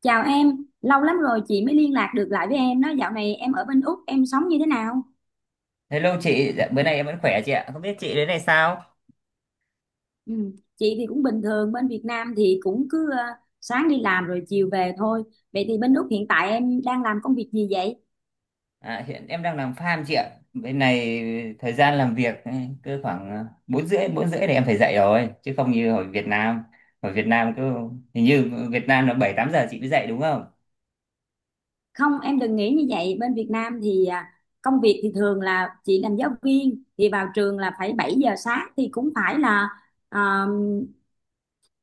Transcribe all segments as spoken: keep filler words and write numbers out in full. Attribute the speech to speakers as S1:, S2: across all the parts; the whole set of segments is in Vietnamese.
S1: Chào em, lâu lắm rồi chị mới liên lạc được lại với em. Đó dạo này em ở bên Úc, em sống như thế nào?
S2: Hello chị, dạ, bữa nay em vẫn khỏe chị ạ. Không biết chị đến này sao?
S1: Ừ. Chị thì cũng bình thường, bên Việt Nam thì cũng cứ ờ, sáng đi làm rồi chiều về thôi. Vậy thì bên Úc hiện tại em đang làm công việc gì vậy?
S2: À, hiện em đang làm farm chị ạ. Bên này thời gian làm việc ấy, cứ khoảng ờ, bốn rưỡi bốn rưỡi thì em phải dậy rồi, chứ không như ở Việt Nam. Ở Việt Nam cứ hình như Việt Nam là bảy tám giờ chị mới dậy đúng không?
S1: Không, em đừng nghĩ như vậy. Bên Việt Nam thì à, công việc thì thường là chị làm giáo viên thì vào trường là phải bảy giờ sáng, thì cũng phải là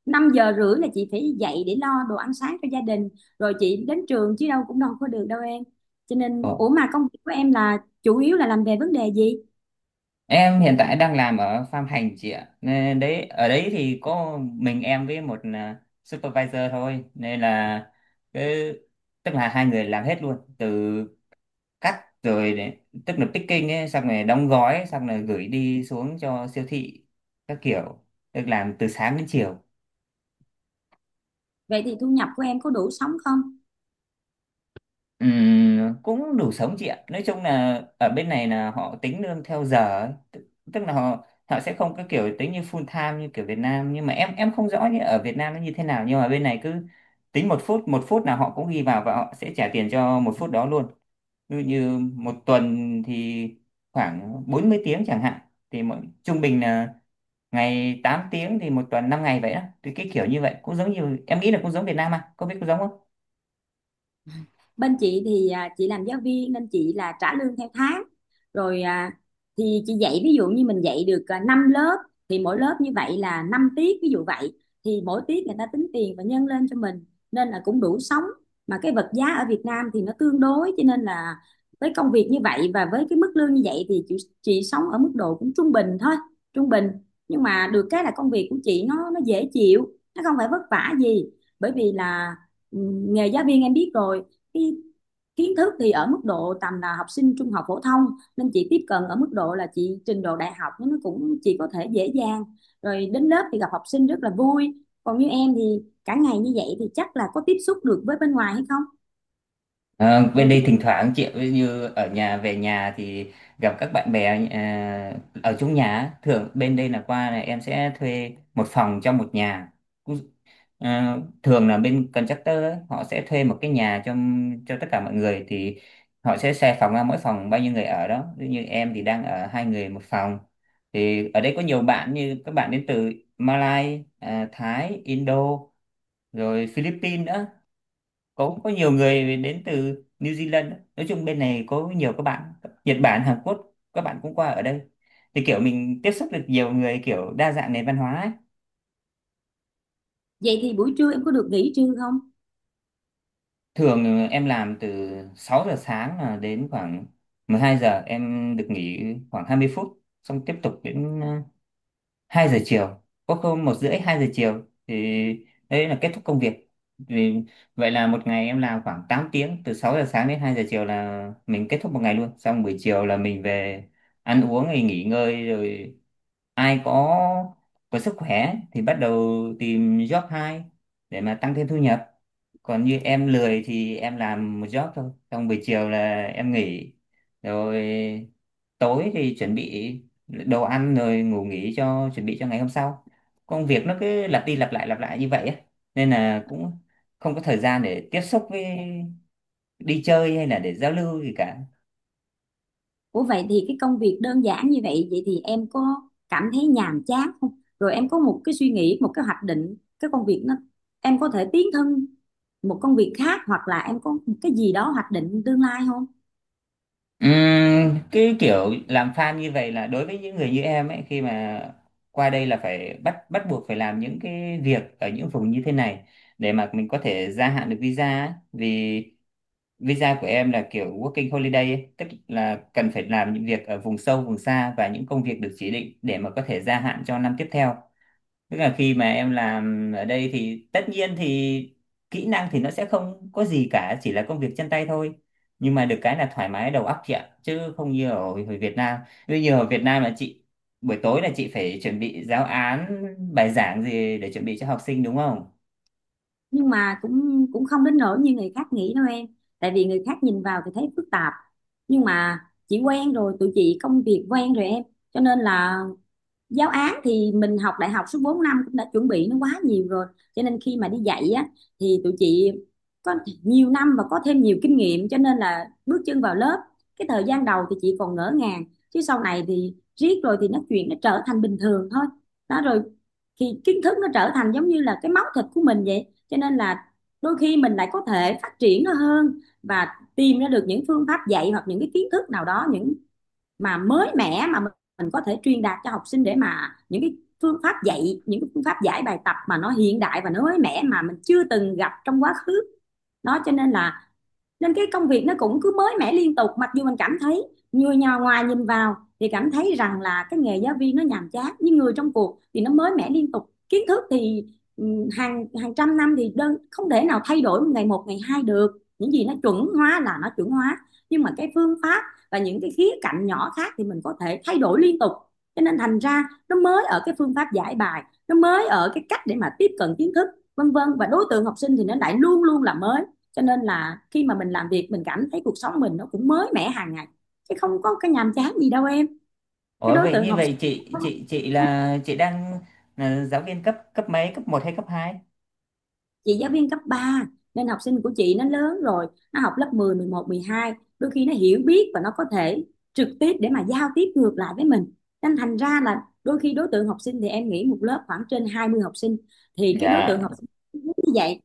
S1: năm giờ rưỡi là chị phải dậy để lo đồ ăn sáng cho gia đình, rồi chị đến trường chứ đâu cũng đâu có được đâu em. Cho
S2: Ồ.
S1: nên ủa mà công việc của em là chủ yếu là làm về vấn đề gì?
S2: Em hiện tại đang làm ở farm hành chị ạ, nên đấy ở đấy thì có mình em với một à, supervisor thôi, nên là cứ tức là hai người làm hết luôn từ cắt rồi để, tức là picking ấy, xong rồi đóng gói, xong rồi gửi đi xuống cho siêu thị các kiểu, được làm từ sáng đến chiều.
S1: Vậy thì thu nhập của em có đủ sống không?
S2: Ừm, cũng đủ sống chị ạ. Nói chung là ở bên này là họ tính lương theo giờ ấy. Tức, tức là họ họ sẽ không có kiểu tính như full time như kiểu Việt Nam, nhưng mà em em không rõ như ở Việt Nam nó như thế nào, nhưng mà bên này cứ tính một phút một phút là họ cũng ghi vào và họ sẽ trả tiền cho một phút đó luôn. Ví dụ như một tuần thì khoảng bốn mươi tiếng chẳng hạn, thì mỗi trung bình là ngày tám tiếng, thì một tuần năm ngày vậy đó, thì cái kiểu như vậy cũng giống như, em nghĩ là cũng giống Việt Nam à, có biết cũng giống không?
S1: Bên chị thì à, chị làm giáo viên nên chị là trả lương theo tháng, rồi à, thì chị dạy ví dụ như mình dạy được à, năm lớp, thì mỗi lớp như vậy là năm tiết ví dụ vậy, thì mỗi tiết người ta tính tiền và nhân lên cho mình, nên là cũng đủ sống. Mà cái vật giá ở Việt Nam thì nó tương đối, cho nên là với công việc như vậy và với cái mức lương như vậy thì chị chị sống ở mức độ cũng trung bình thôi, trung bình. Nhưng mà được cái là công việc của chị nó nó dễ chịu, nó không phải vất vả gì. Bởi vì là ừ, nghề giáo viên em biết rồi, cái kiến thức thì ở mức độ tầm là học sinh trung học phổ thông, nên chị tiếp cận ở mức độ là chị trình độ đại học nó cũng chị có thể dễ dàng, rồi đến lớp thì gặp học sinh rất là vui. Còn như em thì cả ngày như vậy thì chắc là có tiếp xúc được với bên ngoài hay không?
S2: Ờ, bên
S1: rồi cái,
S2: đây thỉnh thoảng chị ví như ở nhà về nhà thì gặp các bạn bè ờ, ở chung nhà á. Thường bên đây là qua là em sẽ thuê một phòng trong một nhà. À, Thường là bên contractor ấy, họ sẽ thuê một cái nhà cho cho tất cả mọi người, thì họ sẽ xe phòng ra, mỗi phòng bao nhiêu người ở đó. Ví dụ như em thì đang ở hai người một phòng. Thì ở đây có nhiều bạn, như các bạn đến từ Malai à, Thái, Indo, rồi Philippines nữa, có có nhiều người đến từ New Zealand nữa. Nói chung bên này có nhiều các bạn Nhật Bản, Hàn Quốc, các bạn cũng qua ở đây, thì kiểu mình tiếp xúc được nhiều người, kiểu đa dạng nền văn hóa ấy.
S1: vậy thì buổi trưa em có được nghỉ trưa không?
S2: Thường em làm từ sáu giờ sáng là đến khoảng mười hai giờ em được nghỉ khoảng hai mươi phút, xong tiếp tục đến ờ, hai giờ chiều, có hôm một rưỡi hai giờ chiều, thì đấy là kết thúc công việc. Vì vậy là một ngày em làm khoảng tám tiếng, từ sáu giờ sáng đến hai giờ chiều là mình kết thúc một ngày luôn. Xong buổi chiều là mình về ăn uống rồi nghỉ ngơi, rồi ai có có sức khỏe thì bắt đầu tìm job hai để mà tăng thêm thu nhập. Còn như em lười thì em làm một job thôi, xong buổi chiều là em nghỉ, rồi tối thì chuẩn bị đồ ăn rồi ngủ nghỉ, cho chuẩn bị cho ngày hôm sau. Công việc nó cứ lặp đi lặp lại lặp lại như vậy á, nên là cũng không có thời gian để tiếp xúc với, đi chơi hay là để giao lưu gì cả.
S1: Ủa vậy thì cái công việc đơn giản như vậy, vậy thì em có cảm thấy nhàm chán không? Rồi em có một cái suy nghĩ, một cái hoạch định, cái công việc nó em có thể tiến thân một công việc khác, hoặc là em có một cái gì đó hoạch định tương lai không?
S2: Ừm, cái kiểu làm fan như vậy là, đối với những người như em ấy, khi mà qua đây là phải bắt bắt buộc phải làm những cái việc ở những vùng như thế này để mà mình có thể gia hạn được visa ấy. Vì visa của em là kiểu working holiday ấy, tức là cần phải làm những việc ở vùng sâu vùng xa và những công việc được chỉ định để mà có thể gia hạn cho năm tiếp theo. Tức là khi mà em làm ở đây thì tất nhiên thì kỹ năng thì nó sẽ không có gì cả, chỉ là công việc chân tay thôi. Nhưng mà được cái là thoải mái đầu óc chị ạ, chứ không như ở, ở Việt Nam. Bây giờ ở Việt Nam là chị buổi tối là chị phải chuẩn bị giáo án, bài giảng gì để chuẩn bị cho học sinh đúng không?
S1: Nhưng mà cũng cũng không đến nỗi như người khác nghĩ đâu em. Tại vì người khác nhìn vào thì thấy phức tạp. Nhưng mà chị quen rồi, tụi chị công việc quen rồi em. Cho nên là giáo án thì mình học đại học suốt bốn năm cũng đã chuẩn bị nó quá nhiều rồi, cho nên khi mà đi dạy á thì tụi chị có nhiều năm và có thêm nhiều kinh nghiệm, cho nên là bước chân vào lớp, cái thời gian đầu thì chị còn ngỡ ngàng, chứ sau này thì riết rồi thì nó chuyện nó trở thành bình thường thôi. Đó rồi thì kiến thức nó trở thành giống như là cái máu thịt của mình vậy, cho nên là đôi khi mình lại có thể phát triển nó hơn và tìm ra được những phương pháp dạy hoặc những cái kiến thức nào đó, những mà mới mẻ mà mình có thể truyền đạt cho học sinh, để mà những cái phương pháp dạy, những cái phương pháp giải bài tập mà nó hiện đại và nó mới mẻ mà mình chưa từng gặp trong quá khứ, nó cho nên là nên cái công việc nó cũng cứ mới mẻ liên tục. Mặc dù mình cảm thấy người nhà ngoài nhìn vào thì cảm thấy rằng là cái nghề giáo viên nó nhàm chán, nhưng người trong cuộc thì nó mới mẻ liên tục. Kiến thức thì ừ, hàng hàng trăm năm thì đơn không thể nào thay đổi ngày một ngày hai được, những gì nó chuẩn hóa là nó chuẩn hóa, nhưng mà cái phương pháp và những cái khía cạnh nhỏ khác thì mình có thể thay đổi liên tục. Cho nên thành ra nó mới ở cái phương pháp giải bài, nó mới ở cái cách để mà tiếp cận kiến thức vân vân, và đối tượng học sinh thì nó lại luôn luôn là mới. Cho nên là khi mà mình làm việc mình cảm thấy cuộc sống mình nó cũng mới mẻ hàng ngày, chứ không có cái nhàm chán gì đâu em. Cái
S2: Ủa
S1: đối
S2: vậy,
S1: tượng
S2: như
S1: học
S2: vậy
S1: sinh,
S2: chị chị chị là chị đang là giáo viên cấp cấp mấy, cấp một hay cấp hai?
S1: chị giáo viên cấp ba nên học sinh của chị nó lớn rồi, nó học lớp mười, mười một, mười hai, đôi khi nó hiểu biết và nó có thể trực tiếp để mà giao tiếp ngược lại với mình. Nên thành ra là đôi khi đối tượng học sinh thì em nghĩ một lớp khoảng trên hai mươi học sinh, thì cái đối tượng
S2: Dạ.
S1: học sinh như vậy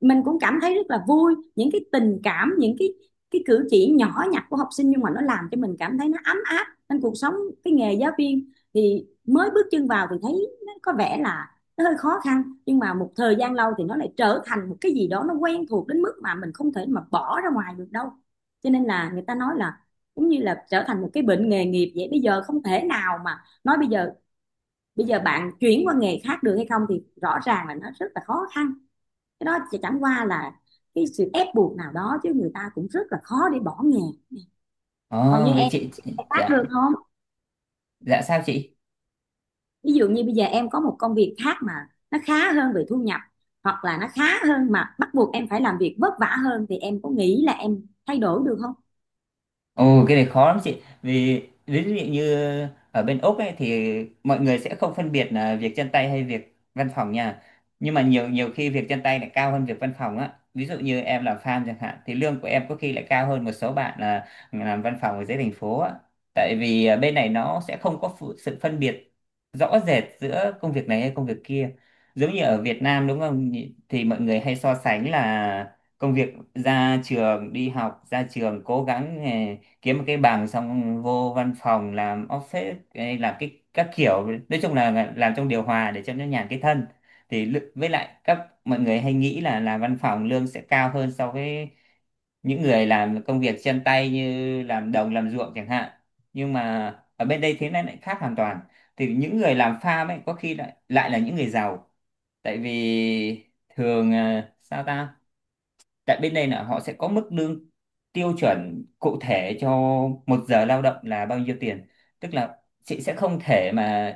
S1: mình cũng cảm thấy rất là vui. Những cái tình cảm, những cái cái cử chỉ nhỏ nhặt của học sinh nhưng mà nó làm cho mình cảm thấy nó ấm áp, nên cuộc sống, cái nghề giáo viên thì mới bước chân vào thì thấy nó có vẻ là nó hơi khó khăn, nhưng mà một thời gian lâu thì nó lại trở thành một cái gì đó nó quen thuộc đến mức mà mình không thể mà bỏ ra ngoài được đâu. Cho nên là người ta nói là cũng như là trở thành một cái bệnh nghề nghiệp vậy, bây giờ không thể nào mà nói bây giờ bây giờ bạn chuyển qua nghề khác được hay không, thì rõ ràng là nó rất là khó khăn. Cái đó chỉ chẳng qua là cái sự ép buộc nào đó, chứ người ta cũng rất là khó để bỏ nghề. Còn
S2: Ồ
S1: như
S2: vậy
S1: em
S2: chị, chị.
S1: em khác
S2: Dạ.
S1: được không?
S2: Dạ sao chị?
S1: Ví dụ như bây giờ em có một công việc khác mà nó khá hơn về thu nhập, hoặc là nó khá hơn mà bắt buộc em phải làm việc vất vả hơn, thì em có nghĩ là em thay đổi được không?
S2: Ồ, cái này khó lắm chị. Vì ví dụ như ở bên Úc ấy, thì mọi người sẽ không phân biệt là việc chân tay hay việc văn phòng nha. Nhưng mà nhiều nhiều khi việc chân tay lại cao hơn việc văn phòng á. Ví dụ như em làm farm chẳng hạn, thì lương của em có khi lại cao hơn một số bạn là làm văn phòng ở dưới thành phố á. Tại vì à, bên này nó sẽ không có phụ- sự phân biệt rõ rệt giữa công việc này hay công việc kia. Giống như ở Việt Nam đúng không nhỉ? Thì mọi người hay so sánh là công việc ra trường, đi học ra trường cố gắng kiếm một cái bằng, xong vô văn phòng làm office ấy, làm cái các kiểu, nói chung là làm trong điều hòa để cho nó nhàn cái thân. Thì lự- với lại các mọi người hay nghĩ là làm văn phòng lương sẽ cao hơn so với những người làm công việc chân tay, như làm đồng làm ruộng chẳng hạn. Nhưng mà ở bên đây thế này lại khác hoàn toàn, thì những người làm farm ấy có khi lại lại là những người giàu. Tại vì thường ờ, sao ta tại bên đây là họ sẽ có mức lương tiêu chuẩn cụ thể cho một giờ lao động là bao nhiêu tiền. Tức là chị sẽ không thể mà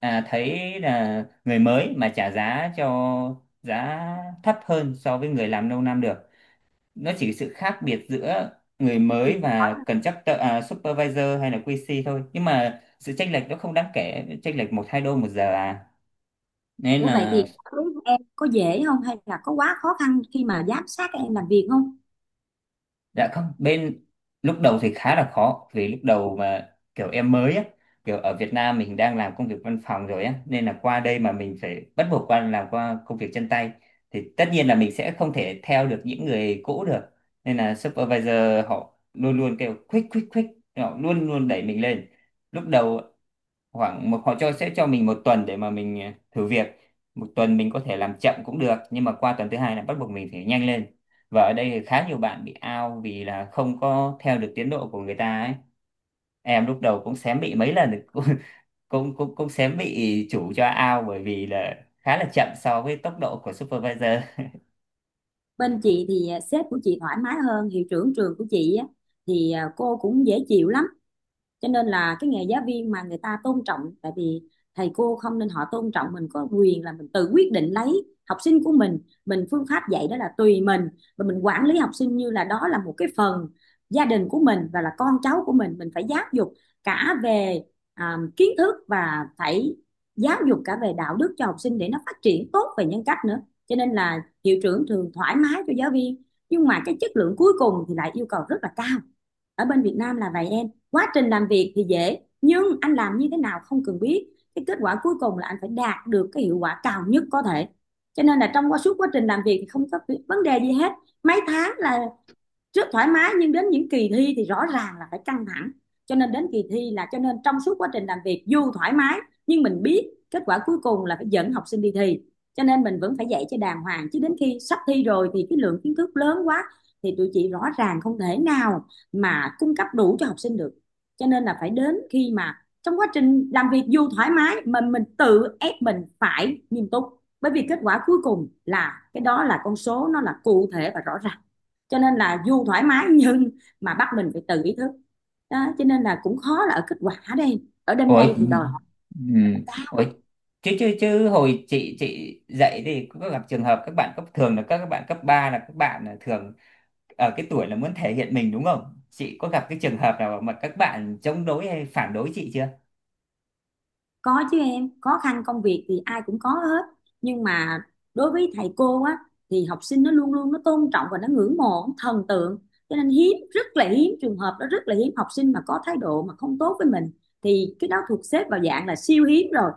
S2: à, thấy là người mới mà trả giá cho giá thấp hơn so với người làm lâu năm được. Nó chỉ sự khác biệt giữa người
S1: Thì
S2: mới và contractor, à, supervisor hay là quy xê thôi, nhưng mà sự chênh lệch nó không đáng kể, chênh lệch một hai đô một giờ à, nên
S1: ủa vậy
S2: là.
S1: thì đối với em có dễ không, hay là có quá khó khăn khi mà giám sát các em làm việc không?
S2: Dạ không, bên lúc đầu thì khá là khó, vì lúc đầu mà kiểu em mới á, kiểu ở Việt Nam mình đang làm công việc văn phòng rồi á, nên là qua đây mà mình phải bắt buộc qua làm qua công việc chân tay, thì tất nhiên là mình sẽ không thể theo được những người cũ được. Nên là supervisor họ luôn luôn kêu quick quick quick, họ luôn luôn đẩy mình lên. Lúc đầu khoảng một, họ cho, sẽ cho mình một tuần để mà mình ờ, thử việc. Một tuần mình có thể làm chậm cũng được, nhưng mà qua tuần thứ hai là bắt buộc mình phải nhanh lên. Và ở đây thì khá nhiều bạn bị out vì là không có theo được tiến độ của người ta ấy. Em lúc đầu cũng xém bị mấy lần cũng cũng cũng, cũng xém bị chủ cho out, bởi vì là khá là chậm so với tốc độ của supervisor.
S1: Bên chị thì à, sếp của chị thoải mái, hơn hiệu trưởng trường của chị á, thì à, cô cũng dễ chịu lắm. Cho nên là cái nghề giáo viên mà người ta tôn trọng, tại vì thầy cô không nên họ tôn trọng mình, có quyền là mình tự quyết định lấy học sinh của mình mình phương pháp dạy đó là tùy mình. Và mình quản lý học sinh như là đó là một cái phần gia đình của mình và là con cháu của mình mình phải giáo dục cả về à, kiến thức và phải giáo dục cả về đạo đức cho học sinh để nó phát triển tốt về nhân cách nữa. Cho nên là hiệu trưởng thường thoải mái cho giáo viên, nhưng mà cái chất lượng cuối cùng thì lại yêu cầu rất là cao. Ở bên Việt Nam là vậy em, quá trình làm việc thì dễ, nhưng anh làm như thế nào không cần biết, cái kết quả cuối cùng là anh phải đạt được cái hiệu quả cao nhất có thể. Cho nên là trong quá suốt quá trình làm việc thì không có vấn đề gì hết, mấy tháng là rất thoải mái, nhưng đến những kỳ thi thì rõ ràng là phải căng thẳng. Cho nên đến kỳ thi là, cho nên trong suốt quá trình làm việc dù thoải mái nhưng mình biết kết quả cuối cùng là phải dẫn học sinh đi thi, cho nên mình vẫn phải dạy cho đàng hoàng. Chứ đến khi sắp thi rồi thì cái lượng kiến thức lớn quá, thì tụi chị rõ ràng không thể nào mà cung cấp đủ cho học sinh được. Cho nên là phải đến khi mà trong quá trình làm việc dù thoải mái mình mình tự ép mình phải nghiêm túc, bởi vì kết quả cuối cùng là cái đó là con số nó là cụ thể và rõ ràng. Cho nên là dù thoải mái nhưng mà bắt mình phải tự ý thức. Đó cho nên là cũng khó là ở kết quả, đây ở đêm
S2: Ủa,
S1: đây thì đòi.
S2: ừ. Ủa, chứ chứ chứ hồi chị chị dạy thì có gặp trường hợp các bạn cấp, thường là các các bạn cấp ba là các bạn là thường ở cái tuổi là muốn thể hiện mình đúng không? Chị có gặp cái trường hợp nào mà các bạn chống đối hay phản đối chị chưa?
S1: Có chứ em, khó khăn công việc thì ai cũng có hết. Nhưng mà đối với thầy cô á thì học sinh nó luôn luôn nó tôn trọng và nó ngưỡng mộ, nó thần tượng. Cho nên hiếm, rất là hiếm trường hợp đó, rất là hiếm học sinh mà có thái độ mà không tốt với mình, thì cái đó thuộc xếp vào dạng là siêu hiếm rồi.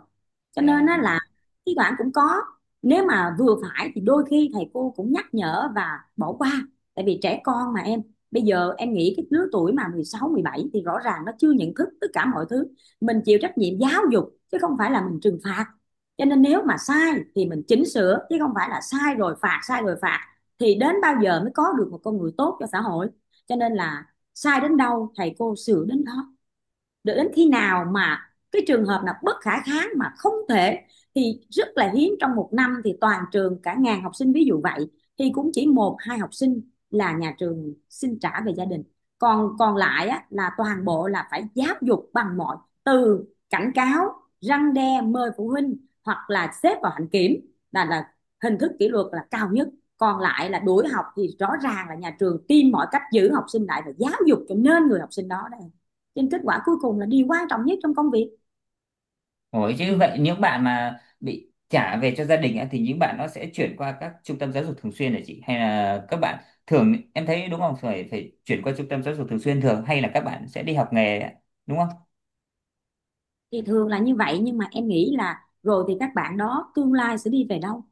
S1: Cho
S2: Dạ.
S1: nên á là thi thoảng cũng có. Nếu mà vừa phải thì đôi khi thầy cô cũng nhắc nhở và bỏ qua. Tại vì trẻ con mà em, bây giờ em nghĩ cái lứa tuổi mà mười sáu mười bảy thì rõ ràng nó chưa nhận thức tất cả mọi thứ. Mình chịu trách nhiệm giáo dục chứ không phải là mình trừng phạt, cho nên nếu mà sai thì mình chỉnh sửa chứ không phải là sai rồi phạt, sai rồi phạt thì đến bao giờ mới có được một con người tốt cho xã hội. Cho nên là sai đến đâu thầy cô sửa đến đó, để đến khi nào mà cái trường hợp nào bất khả kháng mà không thể, thì rất là hiếm. Trong một năm thì toàn trường cả ngàn học sinh ví dụ vậy thì cũng chỉ một hai học sinh là nhà trường xin trả về gia đình. Còn còn lại á, là toàn bộ là phải giáo dục bằng mọi, từ cảnh cáo, răn đe, mời phụ huynh, hoặc là xếp vào hạnh kiểm, là là hình thức kỷ luật là cao nhất, còn lại là đuổi học, thì rõ ràng là nhà trường tìm mọi cách giữ học sinh lại và giáo dục cho nên người học sinh đó đây. Cho nên kết quả cuối cùng là điều quan trọng nhất trong công việc.
S2: Ủa chứ vậy những bạn mà bị trả về cho gia đình á, thì những bạn nó sẽ chuyển qua các trung tâm giáo dục thường xuyên hả chị? Hay là các bạn thường em thấy đúng không? Phải phải chuyển qua trung tâm giáo dục thường xuyên thường, hay là các bạn sẽ đi học nghề ạ? Đúng không?
S1: Thì thường là như vậy, nhưng mà em nghĩ là rồi thì các bạn đó tương lai sẽ đi về đâu,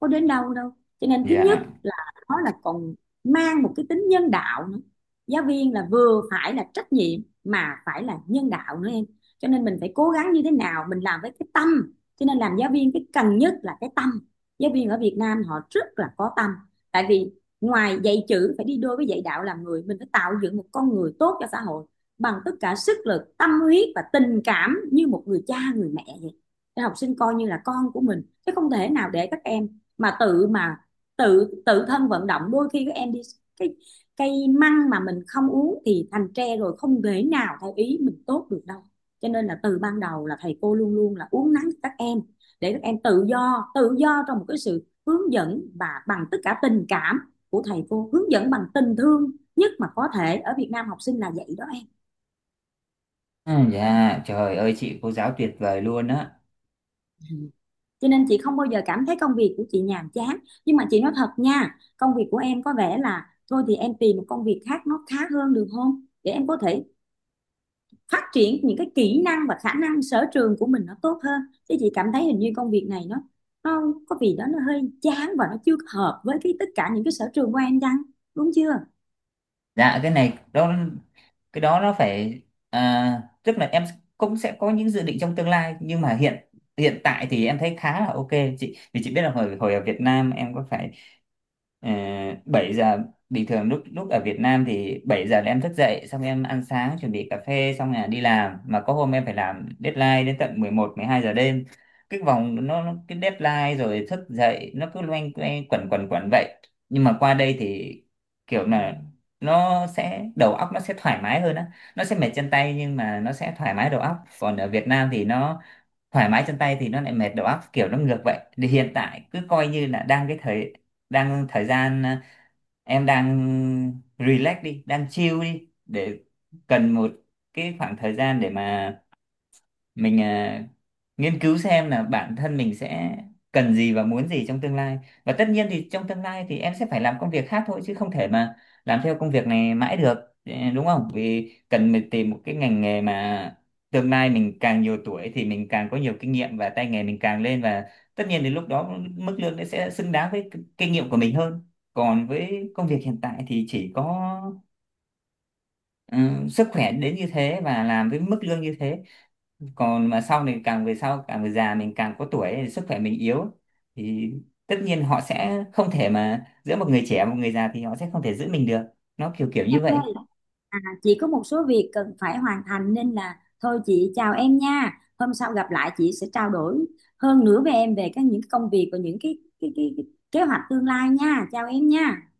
S1: có đến đâu đâu. Cho nên thứ nhất
S2: Dạ.
S1: là nó là còn mang một cái tính nhân đạo nữa. Giáo viên là vừa phải là trách nhiệm mà phải là nhân đạo nữa em. Cho nên mình phải cố gắng như thế nào mình làm với cái tâm, cho nên làm giáo viên cái cần nhất là cái tâm. Giáo viên ở Việt Nam họ rất là có tâm, tại vì ngoài dạy chữ phải đi đôi với dạy đạo làm người, mình phải tạo dựng một con người tốt cho xã hội bằng tất cả sức lực, tâm huyết và tình cảm như một người cha người mẹ vậy. Để học sinh coi như là con của mình chứ không thể nào để các em mà tự mà tự tự thân vận động. Đôi khi các em đi, cái cây măng mà mình không uống thì thành tre rồi, không thể nào theo ý mình tốt được đâu. Cho nên là từ ban đầu là thầy cô luôn luôn là uốn nắn các em, để các em tự do, tự do trong một cái sự hướng dẫn và bằng tất cả tình cảm của thầy cô, hướng dẫn bằng tình thương nhất mà có thể. Ở Việt Nam học sinh là vậy đó em.
S2: À, dạ, trời ơi chị cô giáo tuyệt vời luôn á.
S1: Cho nên chị không bao giờ cảm thấy công việc của chị nhàm chán. Nhưng mà chị nói thật nha, công việc của em có vẻ là thôi thì em tìm một công việc khác nó khá hơn được không, để em có thể phát triển những cái kỹ năng và khả năng sở trường của mình nó tốt hơn. Chứ chị cảm thấy hình như công việc này nó nó có gì đó nó hơi chán và nó chưa hợp với cái tất cả những cái sở trường của em chăng, đúng chưa?
S2: Dạ cái này đó, cái đó nó phải, à, tức là em cũng sẽ có những dự định trong tương lai, nhưng mà hiện hiện tại thì em thấy khá là ok chị. Vì chị biết là hồi hồi ở Việt Nam em có phải. Ờ, bảy giờ bình thường, lúc lúc ở Việt Nam thì bảy giờ là em thức dậy, xong em ăn sáng chuẩn bị cà phê xong là đi làm, mà có hôm em phải làm deadline đến tận mười một mười hai giờ đêm. Cái vòng nó, nó cái deadline rồi thức dậy, nó cứ loanh quanh quẩn quẩn quẩn vậy. Nhưng mà qua đây thì kiểu là nó sẽ đầu óc nó sẽ thoải mái hơn á, nó sẽ mệt chân tay nhưng mà nó sẽ thoải mái đầu óc. Còn ở Việt Nam thì nó thoải mái chân tay thì nó lại mệt đầu óc, kiểu nó ngược vậy. Thì hiện tại cứ coi như là đang cái thời, đang thời gian à, em đang relax đi, đang chill đi, để cần một cái khoảng thời gian để mà mình à, nghiên cứu xem là bản thân mình sẽ cần gì và muốn gì trong tương lai. Và tất nhiên thì trong tương lai thì em sẽ phải làm công việc khác thôi, chứ không thể mà làm theo công việc này mãi được. Ừ, đúng không, vì cần mình tìm một cái ngành nghề mà tương lai mình càng nhiều tuổi thì mình càng có nhiều kinh nghiệm, và tay nghề mình càng lên, và tất nhiên đến lúc đó mức lương nó sẽ xứng đáng với k- kinh nghiệm của mình hơn. Còn với công việc hiện tại thì chỉ có, ừ, sức khỏe đến như thế và làm với mức lương như thế. Còn mà sau này càng về sau, càng về già, mình càng có tuổi ấy, sức khỏe mình yếu, thì tất nhiên họ sẽ không thể mà giữa một người trẻ và một người già thì họ sẽ không thể giữ mình được. Nó kiểu kiểu
S1: Em
S2: như vậy.
S1: ơi, chị có một số việc cần phải hoàn thành nên là thôi chị chào em nha. Hôm sau gặp lại chị sẽ trao đổi hơn nữa với em về các những công việc và những cái cái cái, cái kế hoạch tương lai nha. Chào em nha.